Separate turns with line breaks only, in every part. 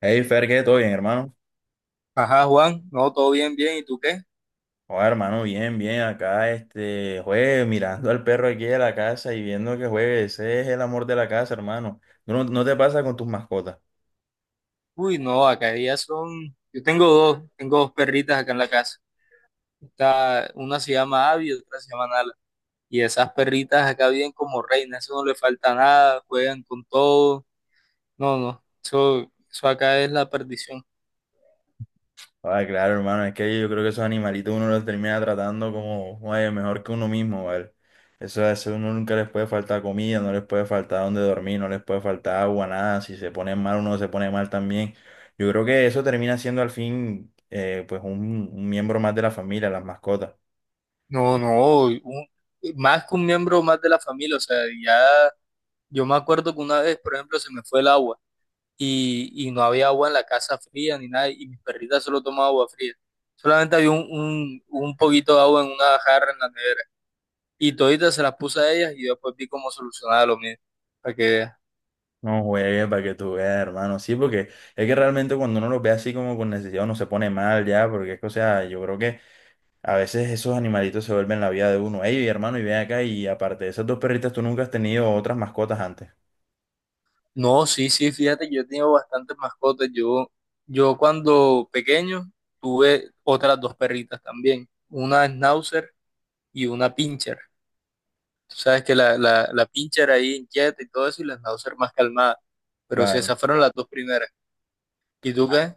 Hey, Fer, ¿qué? ¿Todo bien, hermano?
Ajá, Juan, no, todo bien, bien, ¿y tú qué?
Joder, hermano, bien, bien. Acá, juegue, mirando al perro aquí de la casa y viendo que juegue. Ese es el amor de la casa, hermano. ¿Tú? ¿No, no te pasa con tus mascotas?
Uy, no, acá ya son, yo tengo dos perritas acá en la casa. Una se llama Abby y otra se llama Nala. Y esas perritas acá viven como reinas, eso no le falta nada, juegan con todo. No, no, eso acá es la perdición.
Ah, claro, hermano, es que yo creo que esos animalitos uno los termina tratando como, oye, mejor que uno mismo, ¿vale? Eso uno nunca les puede faltar comida, no les puede faltar donde dormir, no les puede faltar agua, nada. Si se ponen mal, uno se pone mal también. Yo creo que eso termina siendo al fin, pues, un miembro más de la familia, las mascotas.
No, no, más que un miembro más de la familia, o sea, ya yo me acuerdo que una vez, por ejemplo, se me fue el agua. Y no había agua en la casa fría ni nada, y mis perritas solo tomaban agua fría. Solamente había un poquito de agua en una jarra en la nevera. Y toditas se las puse a ellas y yo después vi cómo solucionaba lo mío. Para que veas.
No juegues, para que tú veas, hermano. Sí, porque es que realmente cuando uno los ve así como con necesidad, uno se pone mal ya, porque es que, o sea, yo creo que a veces esos animalitos se vuelven la vida de uno. Ey, hermano, y ven acá, y aparte de esas dos perritas, ¿tú nunca has tenido otras mascotas antes?
No, sí, sí, fíjate que yo he tenido bastantes mascotas. Yo cuando pequeño tuve otras dos perritas también, una Schnauzer y una Pinscher. Tú sabes que la Pinscher ahí inquieta y todo eso y la Schnauzer más calmada. Pero sí,
Claro.
esas fueron las dos primeras. ¿Y tú qué?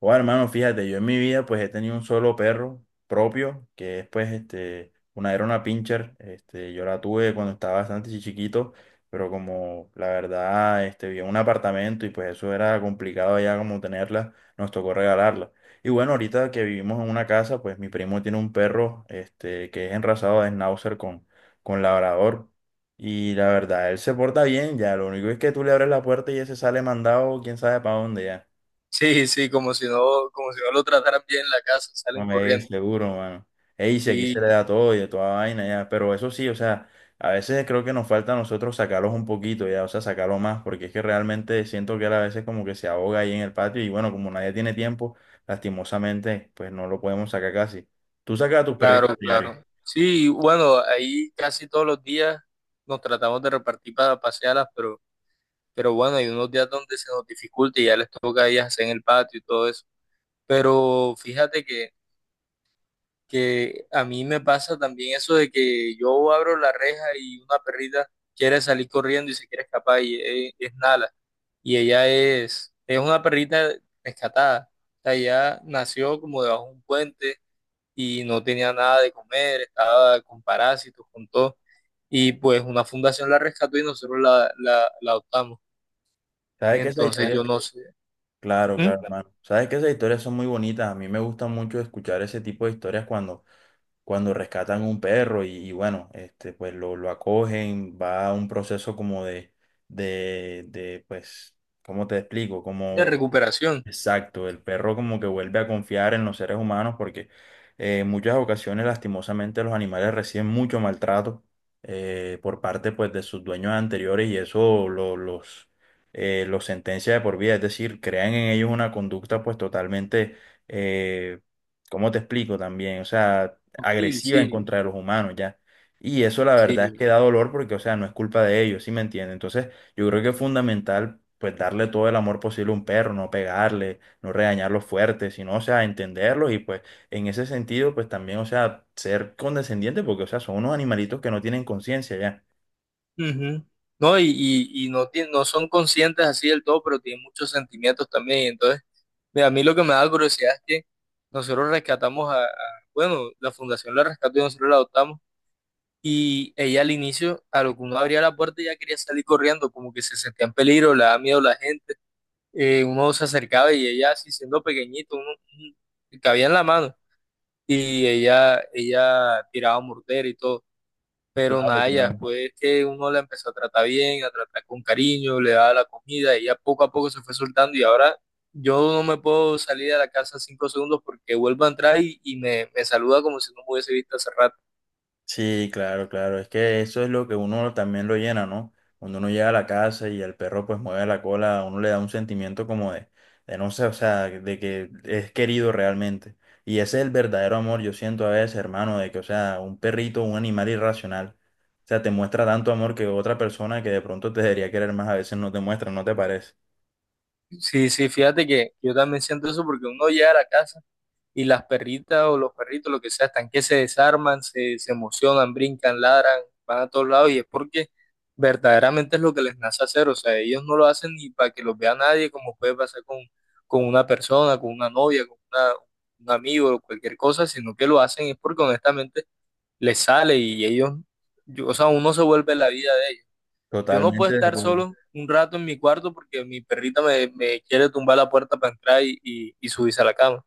Bueno, hermano, fíjate, yo en mi vida pues he tenido un solo perro propio, que es pues este, una era una pincher, este, yo la tuve cuando estaba bastante chiquito, pero como la verdad, este, vivía en un apartamento y pues eso era complicado ya como tenerla, nos tocó regalarla. Y bueno, ahorita que vivimos en una casa, pues mi primo tiene un perro, este, que es enrasado de Schnauzer con labrador. Y la verdad, él se porta bien, ya, lo único es que tú le abres la puerta y ese sale mandado, quién sabe para dónde ya.
Sí, sí, como si no lo trataran bien en la casa,
No
salen
me digas,
corriendo.
seguro, mano. Ey, si aquí se le
Sí,
da todo y de toda vaina, ya. Pero eso sí, o sea, a veces creo que nos falta a nosotros sacarlos un poquito, ya, o sea, sacarlo más, porque es que realmente siento que él a veces como que se ahoga ahí en el patio y bueno, como nadie tiene tiempo, lastimosamente, pues no lo podemos sacar casi. ¿Tú sacas a tus
claro,
perritos diario?
claro. Sí, bueno, ahí casi todos los días nos tratamos de repartir para pasearlas, pero bueno, hay unos días donde se nos dificulta y ya les toca a ellas hacer en el patio y todo eso. Pero fíjate que a mí me pasa también eso de que yo abro la reja y una perrita quiere salir corriendo y se quiere escapar y es nada. Y ella es una perrita rescatada. O sea, ella nació como debajo de un puente y no tenía nada de comer, estaba con parásitos, con todo. Y pues una fundación la rescató y nosotros la adoptamos.
¿Sabes que esas
Entonces ah,
historias?
yo no sé.
Claro,
¿Mm?
claro, hermano. ¿Sabes que esas historias son muy bonitas? A mí me gusta mucho escuchar ese tipo de historias cuando cuando rescatan un perro y bueno, este, pues lo acogen, va a un proceso como de, pues, ¿cómo te explico?
De
Como
recuperación.
exacto, el perro como que vuelve a confiar en los seres humanos porque en muchas ocasiones lastimosamente los animales reciben mucho maltrato, por parte pues de sus dueños anteriores y eso los sentencia de por vida, es decir, crean en ellos una conducta pues totalmente, eh, ¿cómo te explico también? O sea,
Sutil,
agresiva en
sí,
contra de los humanos ya. Y eso la verdad es
sí.
que da dolor porque, o sea, no es culpa de ellos, ¿sí me entiendes? Entonces, yo creo que es fundamental pues darle todo el amor posible a un perro, no pegarle, no regañarlo fuerte, sino, o sea, entenderlos y pues en ese sentido pues también, o sea, ser condescendiente porque, o sea, son unos animalitos que no tienen conciencia ya.
Ujú. No, y no, no son conscientes así del todo, pero tienen muchos sentimientos también. Entonces mira, a mí lo que me da curiosidad es que nosotros rescatamos bueno, la fundación la rescató y nosotros la adoptamos. Y ella al inicio, a lo que uno abría la puerta, ya quería salir corriendo, como que se sentía en peligro, le daba miedo a la gente. Uno se acercaba y ella, así siendo pequeñito, cabía en la mano. Y ella tiraba mortero y todo. Pero
Claro,
nada, ya
claro.
después que uno la empezó a tratar bien, a tratar con cariño, le daba la comida, ella poco a poco se fue soltando y ahora yo no me puedo salir de la casa 5 segundos porque vuelvo a entrar y me saluda como si no me hubiese visto hace rato.
Sí, claro, claro. Es que eso es lo que uno también lo llena, ¿no? Cuando uno llega a la casa y el perro pues mueve la cola, a uno le da un sentimiento como de no sé, o sea, de que es querido realmente. Y ese es el verdadero amor, yo siento a veces, hermano, de que, o sea, un perrito, un animal irracional, o sea, te muestra tanto amor que otra persona que de pronto te debería querer más, a veces no te muestra, ¿no te parece?
Sí, sí, fíjate que yo también siento eso porque uno llega a la casa. Y las perritas o los perritos, lo que sea, están que se desarman, se emocionan, brincan, ladran, van a todos lados y es porque verdaderamente es lo que les nace hacer, o sea, ellos no lo hacen ni para que los vea nadie, como puede pasar con una persona, con una novia, un amigo o cualquier cosa, sino que lo hacen es porque honestamente les sale y ellos, o sea, uno se vuelve la vida de ellos. Yo no puedo
Totalmente de
estar
acuerdo.
solo un rato en mi cuarto porque mi perrita me, me quiere tumbar la puerta para entrar y subirse a la cama.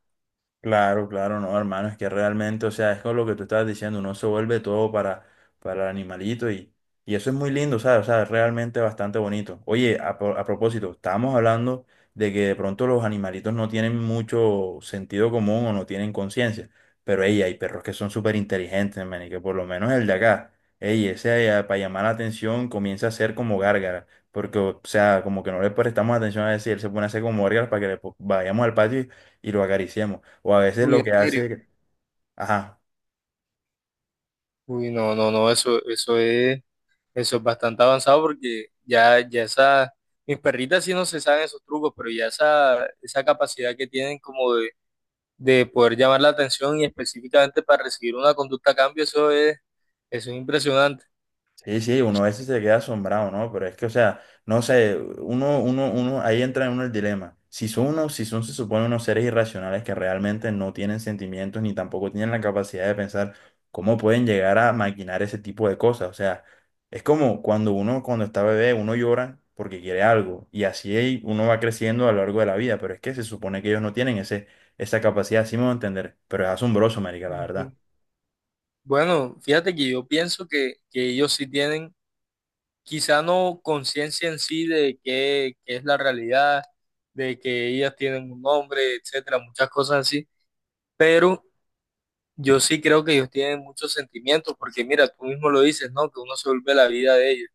Claro, claro, no, hermano, es que realmente, o sea, es con lo que tú estabas diciendo, uno se vuelve todo para el animalito y eso es muy lindo, ¿sabes? O sea, es realmente bastante bonito. Oye, a propósito, estábamos hablando de que de pronto los animalitos no tienen mucho sentido común o no tienen conciencia, pero ey, hay perros que son súper inteligentes, man, y que por lo menos el de acá, ey, ese para llamar la atención comienza a hacer como gárgara, porque, o sea, como que no le prestamos atención a decir, él se pone a hacer como gárgaras para que vayamos al patio. Y y lo acariciamos. O a veces
Uy,
lo que
en serio.
hace, ajá,
Uy, no, no, no, eso, eso es bastante avanzado porque mis perritas sí no se saben esos trucos, pero ya esa capacidad que tienen como de poder llamar la atención y específicamente para recibir una conducta a cambio, eso es impresionante.
sí, sí, uno a veces se queda asombrado, ¿no? Pero es que, o sea, no sé, uno, ahí entra en uno el dilema. Si son unos, si son, se supone, unos seres irracionales que realmente no tienen sentimientos ni tampoco tienen la capacidad de pensar, ¿cómo pueden llegar a maquinar ese tipo de cosas? O sea, es como cuando uno, cuando está bebé, uno llora porque quiere algo y así uno va creciendo a lo largo de la vida, pero es que se supone que ellos no tienen ese, esa capacidad, así me voy a entender, pero es asombroso, marica, la
Ujú.
verdad.
Bueno, fíjate que yo pienso que ellos sí tienen, quizá no conciencia en sí de qué es la realidad, de que ellas tienen un nombre, etcétera, muchas cosas así, pero yo sí creo que ellos tienen muchos sentimientos, porque mira, tú mismo lo dices, ¿no? Que uno se vuelve la vida de ellos.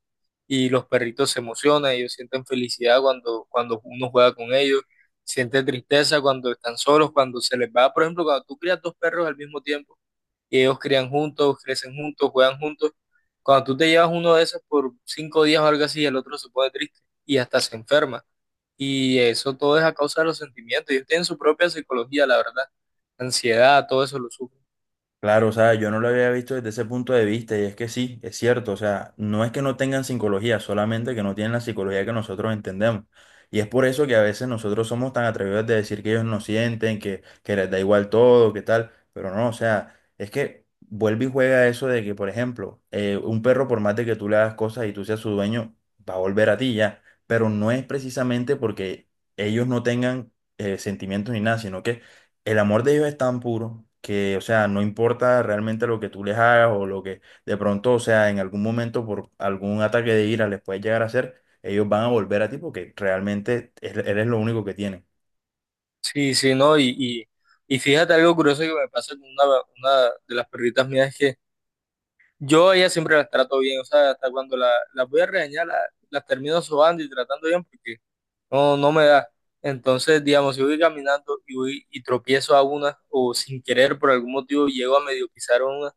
Y los perritos se emocionan, ellos sienten felicidad cuando uno juega con ellos, sienten tristeza cuando están solos, cuando se les va, por ejemplo, cuando tú crías dos perros al mismo tiempo y ellos crían juntos, crecen juntos, juegan juntos, cuando tú te llevas uno de esos por 5 días o algo así, el otro se pone triste y hasta se enferma. Y eso todo es a causa de los sentimientos. Ellos tienen su propia psicología, la verdad. Ansiedad, todo eso lo sufren.
Claro, o sea, yo no lo había visto desde ese punto de vista y es que sí, es cierto, o sea, no es que no tengan psicología, solamente que no tienen la psicología que nosotros entendemos. Y es por eso que a veces nosotros somos tan atrevidos de decir que ellos no sienten, que les da igual todo, que tal, pero no, o sea, es que vuelve y juega eso de que, por ejemplo, un perro por más de que tú le hagas cosas y tú seas su dueño, va a volver a ti ya, pero no es precisamente porque ellos no tengan sentimientos ni nada, sino que el amor de ellos es tan puro que, o sea, no importa realmente lo que tú les hagas o lo que de pronto, o sea, en algún momento por algún ataque de ira les puedes llegar a hacer, ellos van a volver a ti porque realmente eres lo único que tienen.
Sí, sí, ¿no? Y fíjate algo curioso que me pasa con una de las perritas mías es que yo a ellas siempre las trato bien, o sea, hasta cuando las voy a regañar, las termino sobando y tratando bien porque no, no me da. Entonces, digamos, si voy caminando y voy y tropiezo a una o sin querer por algún motivo llego a medio pisar a una,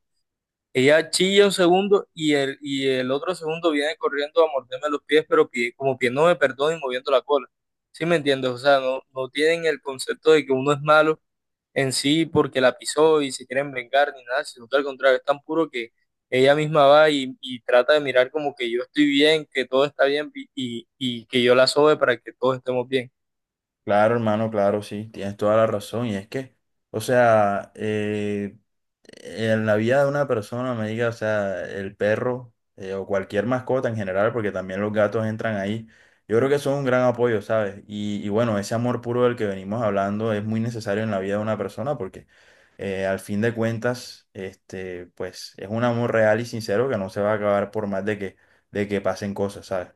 ella chilla un segundo y el otro segundo viene corriendo a morderme los pies, pero como que no me perdona y moviendo la cola. ¿Sí me entiendes? O sea, no, no tienen el concepto de que uno es malo en sí porque la pisó y se quieren vengar ni nada, sino que al contrario, es tan puro que ella misma va y trata de mirar como que yo estoy bien, que todo está bien y que yo la sobe para que todos estemos bien.
Claro, hermano, claro, sí, tienes toda la razón. Y es que, o sea, en la vida de una persona, me diga, o sea, el perro o cualquier mascota en general, porque también los gatos entran ahí, yo creo que son un gran apoyo, ¿sabes? Y bueno, ese amor puro del que venimos hablando es muy necesario en la vida de una persona porque al fin de cuentas, este, pues es un amor real y sincero que no se va a acabar por más de que pasen cosas, ¿sabes?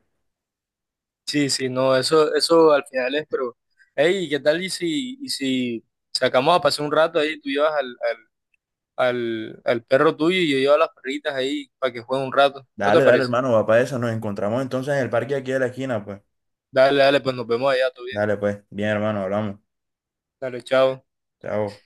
Sí, sí, no, eso al final es, pero, hey, ¿qué tal y si sacamos a pasar un rato ahí, tú llevas al perro tuyo y yo llevo a las perritas ahí para que jueguen un rato? ¿No te
Dale, dale,
parece?
hermano, va para eso. Nos encontramos entonces en el parque aquí de la esquina, pues.
Dale, dale, pues nos vemos allá, todo bien.
Dale, pues. Bien, hermano, hablamos.
Dale, chao.
Chao.